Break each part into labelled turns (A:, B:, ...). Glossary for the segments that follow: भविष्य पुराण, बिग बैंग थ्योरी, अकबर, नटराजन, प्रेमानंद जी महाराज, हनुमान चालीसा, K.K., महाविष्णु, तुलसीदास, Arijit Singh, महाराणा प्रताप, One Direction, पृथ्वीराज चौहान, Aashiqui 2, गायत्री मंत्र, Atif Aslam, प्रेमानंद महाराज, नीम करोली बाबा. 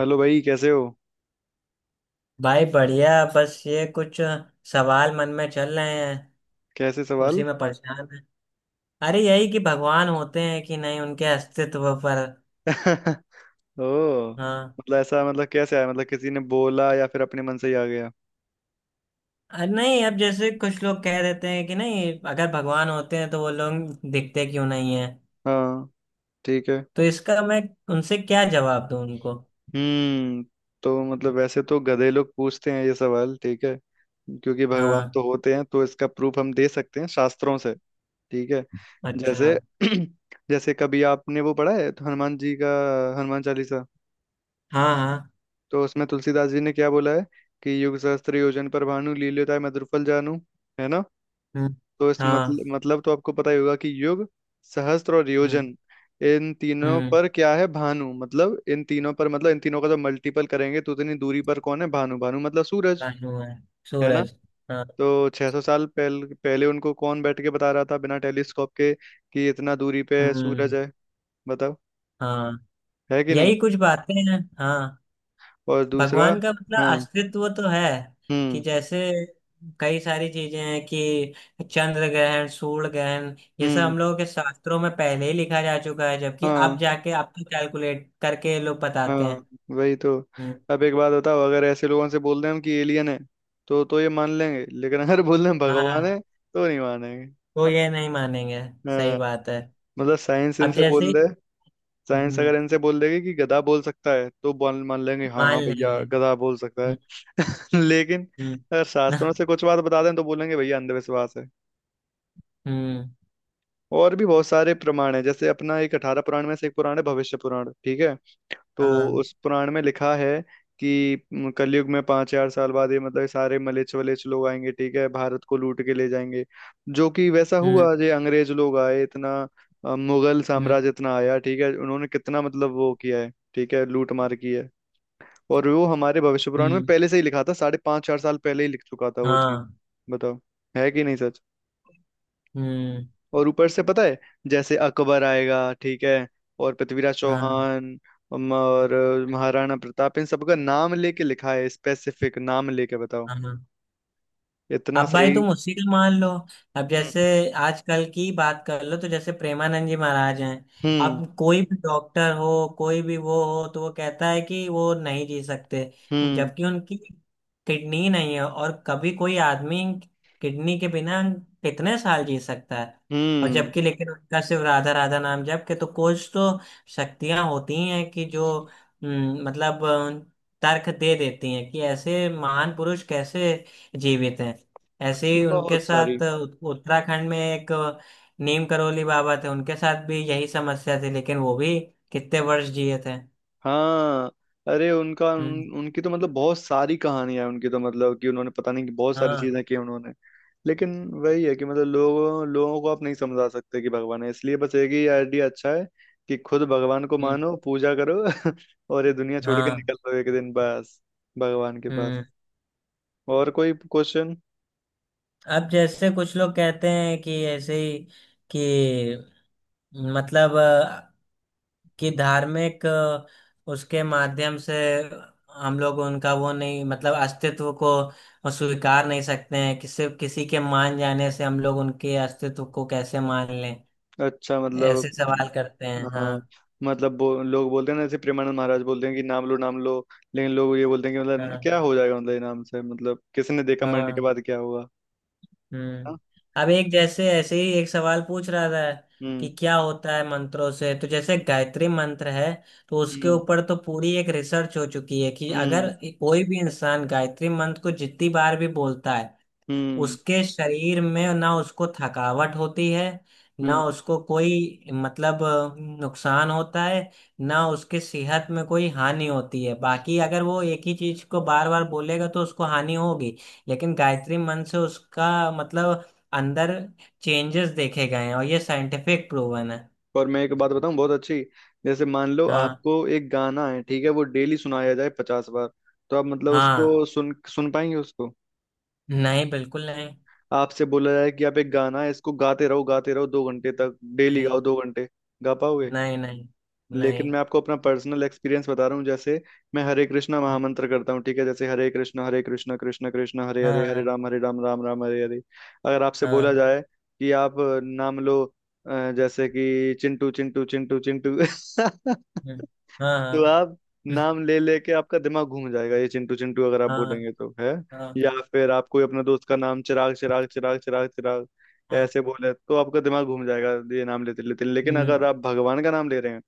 A: Hello भाई। कैसे हो?
B: भाई बढ़िया। बस ये कुछ सवाल मन में चल रहे हैं,
A: कैसे सवाल?
B: उसी में परेशान है। अरे यही कि भगवान होते हैं कि नहीं, उनके अस्तित्व पर।
A: ओ।
B: हाँ।
A: मतलब ऐसा मतलब कैसे आया, मतलब किसी ने बोला या फिर अपने मन से ही आ गया?
B: अरे नहीं, अब जैसे कुछ लोग कह देते हैं कि नहीं, अगर भगवान होते हैं तो वो लोग दिखते क्यों नहीं है।
A: हाँ। ठीक है।
B: तो इसका मैं उनसे क्या जवाब दूं उनको।
A: हम्म तो मतलब वैसे तो गधे लोग पूछते हैं ये सवाल। ठीक है। क्योंकि भगवान
B: हाँ।
A: तो होते हैं तो इसका प्रूफ हम दे सकते हैं शास्त्रों से। ठीक है।
B: अच्छा।
A: जैसे जैसे कभी आपने वो पढ़ा है तो हनुमान जी का, हनुमान चालीसा।
B: हाँ हाँ।
A: तो उसमें तुलसीदास जी ने क्या बोला है कि युग सहस्त्र योजन पर भानु लील्योताय मधुर फल जानू। है ना?
B: हम्म।
A: तो इस
B: हाँ।
A: मतलब तो आपको पता ही होगा कि युग सहस्त्र और
B: हम्म।
A: योजन इन तीनों
B: हम्म।
A: पर क्या है भानु, मतलब इन तीनों पर मतलब इन तीनों का जब मल्टीपल करेंगे तो उतनी दूरी पर कौन है? भानु। भानु मतलब सूरज।
B: भानु है,
A: है ना?
B: सूरज। हाँ।
A: तो 600 साल पहले पहले उनको कौन बैठ के बता रहा था बिना टेलीस्कोप के कि इतना दूरी पे सूरज
B: हम्म।
A: है? बताओ,
B: हाँ,
A: है कि नहीं?
B: यही कुछ बातें हैं, हाँ।
A: और दूसरा।
B: भगवान का मतलब
A: हाँ।
B: अस्तित्व तो है। कि
A: हम्म।
B: जैसे कई सारी चीजें हैं कि चंद्र ग्रहण सूर्य ग्रहण ये सब
A: हम्म।
B: हम लोगों के शास्त्रों में पहले ही लिखा जा चुका है, जबकि अब
A: हाँ।
B: जाके अब तो कैलकुलेट करके लोग बताते
A: हाँ।
B: हैं।
A: वही तो।
B: हम्म।
A: अब एक बात बताओ अगर ऐसे लोगों से बोल दें हम कि एलियन है तो ये मान लेंगे लेकिन अगर बोल दें हम भगवान
B: हाँ,
A: है तो नहीं मानेंगे।
B: तो ये नहीं मानेंगे। सही
A: हाँ।
B: बात है।
A: मतलब साइंस
B: अब
A: इनसे
B: जैसे
A: बोल
B: ही,
A: दे। साइंस
B: हम्म,
A: अगर इनसे बोल देगी कि गधा बोल सकता है तो बोल मान लेंगे हाँ
B: मान
A: हाँ भैया
B: लेंगे।
A: गधा बोल सकता है।
B: हम्म।
A: लेकिन अगर
B: हम्म।
A: शास्त्रों से कुछ बात बता दें तो बोलेंगे भैया अंधविश्वास है।
B: हम्म।
A: और भी बहुत सारे प्रमाण है, जैसे अपना एक 18 पुराण में से एक पुराण है भविष्य पुराण। ठीक है। तो
B: हाँ।
A: उस पुराण में लिखा है कि कलयुग में 5,000 साल बाद ये मतलब सारे मलेच्छ वलेच्छ लोग आएंगे। ठीक है। भारत को लूट के ले जाएंगे। जो कि वैसा
B: हम्म।
A: हुआ ये अंग्रेज लोग आए, इतना मुगल
B: हम्म।
A: साम्राज्य इतना आया। ठीक है। उन्होंने कितना मतलब वो किया है ठीक है लूट मार की है। और वो हमारे भविष्य पुराण में
B: हम्म।
A: पहले से ही लिखा था, साढ़े पांच चार साल पहले ही लिख चुका था वो चीज।
B: हाँ।
A: बताओ, है कि नहीं सच?
B: हम्म।
A: और ऊपर से पता है, जैसे अकबर आएगा ठीक है और पृथ्वीराज
B: हाँ
A: चौहान, और महाराणा प्रताप, इन सबका नाम लेके लिखा है, स्पेसिफिक नाम लेके। बताओ
B: हाँ।
A: इतना
B: अब भाई
A: सही।
B: तुम उसी का मान लो। अब
A: हम्म।
B: जैसे आजकल की बात कर लो तो जैसे प्रेमानंद जी महाराज हैं।
A: हम्म।
B: अब कोई भी डॉक्टर हो, कोई भी वो हो तो वो कहता है कि वो नहीं जी सकते,
A: हम्म।
B: जबकि उनकी किडनी नहीं है। और कभी कोई आदमी किडनी के बिना कितने साल जी सकता है। और
A: हम्म,
B: जबकि लेकिन उनका सिर्फ राधा राधा नाम जप के तो कुछ तो शक्तियां होती हैं कि जो हम्म, मतलब अ, तर्क दे देती हैं कि ऐसे महान पुरुष कैसे जीवित हैं। ऐसे ही उनके
A: बहुत सारी।
B: साथ उत्तराखंड में एक नीम करोली बाबा थे, उनके साथ भी यही समस्या थी, लेकिन वो भी कितने वर्ष जिए थे।
A: हाँ। अरे उनका
B: हम्म।
A: उनकी तो मतलब बहुत सारी कहानियां हैं, उनकी तो मतलब कि उन्होंने पता नहीं कि बहुत सारी
B: हाँ।
A: चीजें की उन्होंने। लेकिन वही है कि मतलब लोगों लोगों को आप नहीं समझा सकते कि भगवान है, इसलिए बस एक ही आइडिया अच्छा है कि खुद भगवान को
B: हम्म।
A: मानो पूजा करो और ये दुनिया छोड़ के
B: हाँ।
A: निकल लो एक दिन, बस भगवान के पास।
B: हम्म।
A: और कोई क्वेश्चन?
B: अब जैसे कुछ लोग कहते हैं कि ऐसे ही कि मतलब अ, कि उसके माध्यम से हम लोग उनका वो नहीं मतलब अस्तित्व को स्वीकार नहीं सकते हैं, कि सिर्फ किसी के मान जाने से हम लोग उनके अस्तित्व को कैसे मान लें।
A: अच्छा मतलब।
B: ऐसे सवाल करते हैं,
A: हाँ।
B: हाँ।
A: मतलब लोग बोलते हैं ना, जैसे प्रेमानंद महाराज बोलते हैं कि नाम लो नाम लो, लेकिन लोग ये बोलते हैं कि मतलब
B: हाँ।
A: क्या हो जाएगा, मतलब ये नाम से मतलब किसने देखा मरने के
B: हाँ।
A: बाद क्या होगा?
B: हम्म।
A: हाँ?
B: अब एक जैसे ऐसे ही एक सवाल पूछ रहा था कि
A: हम्म।
B: क्या होता है मंत्रों से। तो जैसे गायत्री मंत्र है, तो उसके
A: हम्म।
B: ऊपर तो पूरी एक रिसर्च हो चुकी है कि अगर
A: हम्म।
B: कोई भी इंसान गायत्री मंत्र को जितनी बार भी बोलता है,
A: हम्म।
B: उसके शरीर में ना उसको थकावट होती है, ना
A: हम्म।
B: उसको कोई नुकसान होता है, ना उसके सेहत में कोई हानि होती है। बाकी अगर वो एक ही चीज को बार बार बोलेगा तो उसको हानि होगी, लेकिन गायत्री मंत्र से उसका मतलब अंदर चेंजेस देखे गए हैं, और ये साइंटिफिक प्रूवन है।
A: और मैं एक बात बताऊं बहुत अच्छी। जैसे मान लो
B: हाँ।
A: आपको एक गाना है ठीक है वो डेली सुनाया जाए 50 बार, तो आप मतलब
B: हाँ।
A: उसको सुन सुन पाएंगे उसको?
B: नहीं, बिल्कुल नहीं।
A: आपसे बोला जाए कि आप एक गाना है इसको गाते रहो 2 घंटे तक डेली
B: नहीं
A: गाओ 2 घंटे, गा पाओगे?
B: नहीं नहीं
A: लेकिन
B: नहीं।
A: मैं आपको अपना पर्सनल एक्सपीरियंस बता रहा हूँ, जैसे मैं हरे कृष्णा महामंत्र करता हूँ ठीक है, जैसे हरे कृष्णा कृष्णा कृष्णा हरे हरे
B: हाँ।
A: हरे राम राम राम हरे हरे। अगर आपसे बोला
B: हाँ
A: जाए कि आप नाम लो, जैसे कि चिंटू चिंटू चिंटू चिंटू
B: हाँ। हाँ।
A: तो
B: हाँ।
A: आप नाम ले लेके आपका दिमाग घूम जाएगा, ये चिंटू चिंटू अगर आप
B: हाँ।
A: बोलेंगे तो है।
B: हाँ।
A: या फिर आप कोई अपने दोस्त का नाम चिराग चिराग चिराग चिराग चिराग
B: हाँ।
A: ऐसे बोले तो आपका दिमाग घूम जाएगा ये नाम लेते लेते। लेकिन
B: हम्म,
A: अगर आप भगवान का नाम ले रहे हैं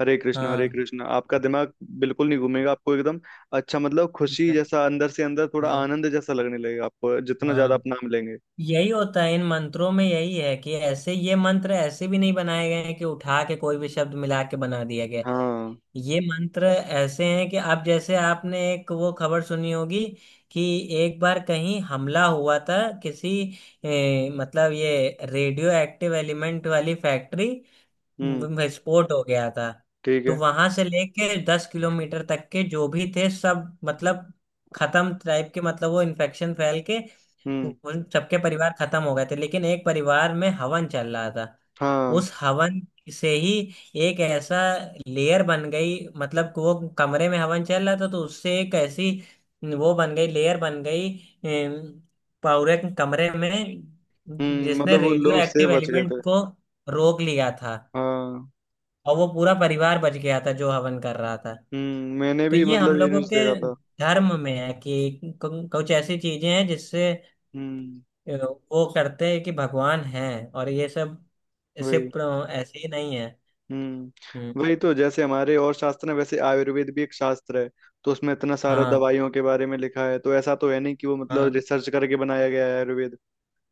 A: हरे कृष्ण हरे
B: हाँ।
A: कृष्ण, आपका दिमाग बिल्कुल नहीं घूमेगा। आपको एकदम अच्छा मतलब खुशी जैसा अंदर से अंदर थोड़ा
B: नहीं,
A: आनंद जैसा लगने लगेगा आपको, जितना ज्यादा
B: हाँ।
A: आप नाम लेंगे।
B: यही होता है इन मंत्रों में, यही है कि ऐसे ये मंत्र ऐसे भी नहीं बनाए गए हैं कि उठा के कोई भी शब्द मिला के बना दिया गया है।
A: हाँ।
B: ये मंत्र ऐसे हैं कि अब जैसे आपने एक वो खबर सुनी होगी कि एक बार कहीं हमला हुआ था किसी ए, मतलब ये रेडियो एक्टिव एलिमेंट वाली फैक्ट्री
A: हम्म।
B: विस्फोट हो गया था।
A: ठीक
B: तो
A: है।
B: वहां से लेके 10 किलोमीटर तक के जो भी थे सब मतलब खत्म टाइप के, मतलब वो इन्फेक्शन फैल के
A: हम्म।
B: उन सबके परिवार खत्म हो गए थे। लेकिन एक परिवार में हवन चल रहा था,
A: हाँ।
B: उस हवन से ही एक ऐसा लेयर बन गई, मतलब कि वो कमरे में हवन चल रहा था तो उससे एक ऐसी वो बन गई, लेयर बन गई, अम, पूरे कमरे में, जिसने
A: मतलब वो
B: रेडियो
A: लोग से
B: एक्टिव
A: बच गए
B: एलिमेंट
A: थे।
B: को रोक लिया था,
A: हाँ।
B: और वो पूरा परिवार बच गया था जो हवन कर रहा था।
A: मैंने
B: तो
A: भी
B: ये हम
A: मतलब ये
B: लोगों
A: न्यूज
B: के
A: देखा था।
B: धर्म में है कि कुछ ऐसी चीजें हैं जिससे
A: हम्म।
B: अ, वो करते हैं कि भगवान है, और ये सब
A: वही।
B: सिर्फ ऐसे ही नहीं है। हम्म।
A: हम्म वही तो, जैसे हमारे और शास्त्र हैं वैसे आयुर्वेद भी एक शास्त्र है। तो उसमें इतना सारा
B: हाँ।
A: दवाइयों के बारे में लिखा है, तो ऐसा तो है नहीं कि वो मतलब
B: हाँ।
A: रिसर्च करके बनाया गया है आयुर्वेद।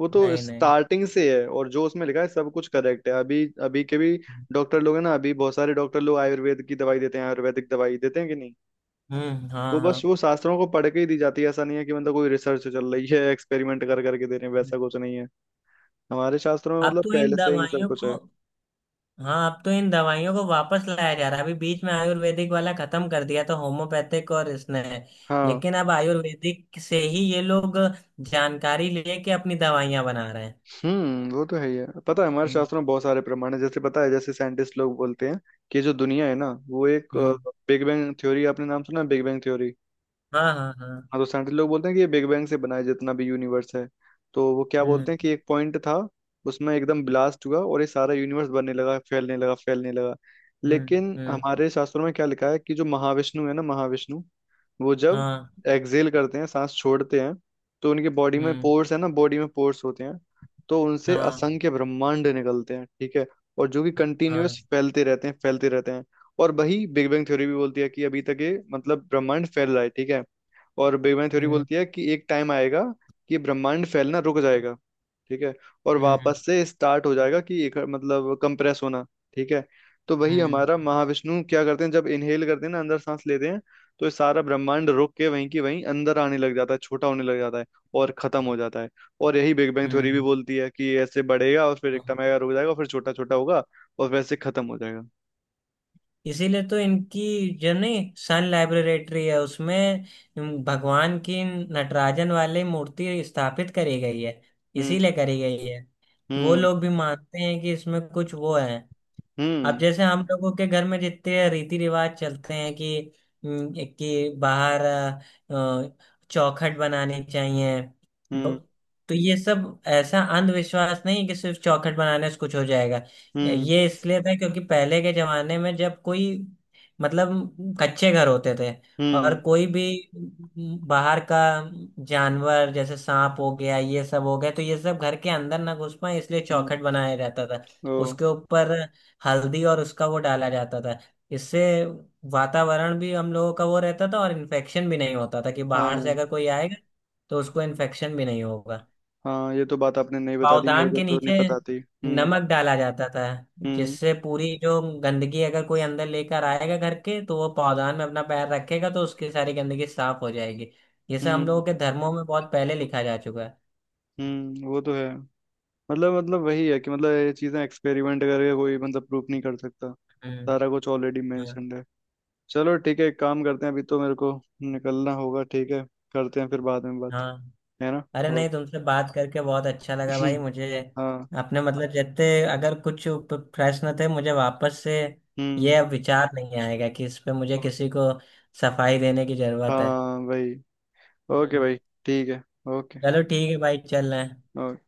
A: वो तो
B: नहीं, नहीं।
A: स्टार्टिंग से है और जो उसमें लिखा है सब कुछ करेक्ट है। अभी अभी के भी डॉक्टर लोग हैं ना, अभी बहुत सारे डॉक्टर लोग आयुर्वेद की दवाई देते हैं, आयुर्वेदिक दवाई देते हैं कि नहीं?
B: हम्म। हाँ।
A: वो
B: हाँ।
A: बस वो शास्त्रों को पढ़ के ही दी जाती है, ऐसा नहीं है कि मतलब कोई रिसर्च चल रही है एक्सपेरिमेंट कर करके दे रहे हैं, वैसा कुछ नहीं है। हमारे शास्त्रों में
B: अब
A: मतलब
B: तो इन
A: पहले से ही सब
B: दवाइयों
A: कुछ है।
B: को, हाँ अब तो इन दवाइयों को वापस लाया जा रहा है। अभी बीच में आयुर्वेदिक वाला खत्म कर दिया था, होम्योपैथिक और इसने,
A: हाँ।
B: लेकिन अब आयुर्वेदिक से ही ये लोग जानकारी लेके अपनी दवाइयां बना रहे हैं।
A: वो तो है ही है। पता है हमारे
B: हम्म।
A: शास्त्रों में बहुत सारे प्रमाण है, जैसे पता है जैसे साइंटिस्ट लोग बोलते हैं कि जो दुनिया है ना वो एक
B: हम्म।
A: बिग बैंग थ्योरी, आपने नाम सुना बिग बैंग थ्योरी?
B: हाँ हाँ हाँ।
A: हाँ। तो साइंटिस्ट लोग बोलते हैं कि ये बिग बैंग से बनाया जितना भी यूनिवर्स है, तो वो क्या बोलते
B: हम्म।
A: हैं कि एक पॉइंट था उसमें एकदम ब्लास्ट हुआ और ये सारा यूनिवर्स बनने लगा, फैलने लगा फैलने लगा।
B: हम्म।
A: लेकिन
B: हम्म।
A: हमारे शास्त्रों में क्या लिखा है कि जो महाविष्णु है ना महाविष्णु वो जब
B: हाँ।
A: एक्सहेल करते हैं सांस छोड़ते हैं, तो उनकी बॉडी में
B: हम्म।
A: पोर्स है ना बॉडी में पोर्स होते हैं, तो उनसे
B: हाँ।
A: असंख्य ब्रह्मांड निकलते हैं। ठीक है। और जो कि
B: हाँ।
A: कंटिन्यूअस फैलते रहते हैं फैलते रहते हैं। और वही बिग बैंग थ्योरी भी बोलती है कि अभी तक ये मतलब ब्रह्मांड फैल रहा है। ठीक है। और बिग बैंग थ्योरी
B: हम्म।
A: बोलती है कि एक टाइम आएगा कि ब्रह्मांड फैलना रुक जाएगा। ठीक है। और
B: हम्म।
A: वापस से स्टार्ट हो जाएगा, कि एक मतलब कंप्रेस होना। ठीक है। तो वही
B: हम्म।
A: हमारा महाविष्णु क्या करते हैं, जब इनहेल करते हैं ना अंदर सांस लेते हैं, तो ये सारा ब्रह्मांड रुक के वहीं की वहीं अंदर आने लग जाता है, छोटा होने लग जाता है और खत्म हो जाता है। और यही बिग बैंग थ्योरी भी बोलती है कि ये ऐसे बढ़ेगा और फिर एक
B: हम्म।
A: टाइम आएगा रुक जाएगा फिर छोटा छोटा होगा और वैसे खत्म हो जाएगा।
B: इसीलिए तो इनकी जो नहीं सन लाइब्रेटरी है उसमें भगवान की नटराजन वाली मूर्ति स्थापित करी गई है,
A: हम्म।
B: इसीलिए करी गई है कि वो
A: हम्म।
B: लोग भी मानते हैं कि इसमें कुछ वो है। अब
A: हम्म।
B: जैसे हम लोगों के घर में जितने रीति रिवाज चलते हैं कि बाहर चौखट बनानी चाहिए,
A: हम्म।
B: ब- तो ये सब ऐसा अंधविश्वास नहीं है कि सिर्फ चौखट बनाने से कुछ हो जाएगा।
A: हम्म।
B: ये इसलिए था क्योंकि पहले के जमाने में जब कोई मतलब कच्चे घर होते थे,
A: हम्म।
B: और कोई भी बाहर का जानवर जैसे सांप हो गया ये सब हो गया, तो ये सब घर के अंदर ना घुस पाए इसलिए
A: हम्म,
B: चौखट बनाया जाता था।
A: ओ।
B: उसके ऊपर हल्दी और उसका वो डाला जाता था, इससे वातावरण भी हम लोगों का वो रहता था और इन्फेक्शन भी नहीं होता था कि
A: हाँ।
B: बाहर से अगर कोई आएगा तो उसको इन्फेक्शन भी नहीं होगा।
A: हाँ ये तो बात आपने नहीं बता दी, मेरे
B: पावदान
A: को
B: के
A: तो नहीं
B: नीचे
A: पता थी। हम्म।
B: नमक डाला जाता था,
A: हम्म।
B: जिससे पूरी जो गंदगी अगर कोई अंदर लेकर आएगा घर के, तो वो पावदान में अपना पैर रखेगा तो उसकी सारी गंदगी साफ हो जाएगी। ये सब हम
A: हम्म।
B: लोगों के धर्मों में बहुत पहले लिखा जा चुका है।
A: वो तो है, मतलब वही है कि मतलब ये चीजें एक्सपेरिमेंट करके कोई मतलब प्रूफ नहीं कर सकता।
B: हम्म।
A: सारा कुछ ऑलरेडी
B: हाँ।
A: मेंशन्ड है। चलो ठीक है, एक काम करते हैं, अभी तो मेरे को निकलना होगा। ठीक है। करते हैं फिर बाद में बात।
B: हाँ।
A: है ना?
B: अरे
A: ओके।
B: नहीं, तुमसे बात करके बहुत अच्छा लगा भाई मुझे।
A: हाँ।
B: अपने मतलब जितने अगर कुछ प्रश्न थे, मुझे वापस से
A: हम्म।
B: ये अब विचार नहीं आएगा कि इस पे मुझे किसी को सफाई देने की जरूरत है।
A: हाँ भाई। ओके
B: हम्म।
A: भाई। ठीक है। ओके।
B: चलो ठीक है भाई, चल रहे हैं।
A: ओके।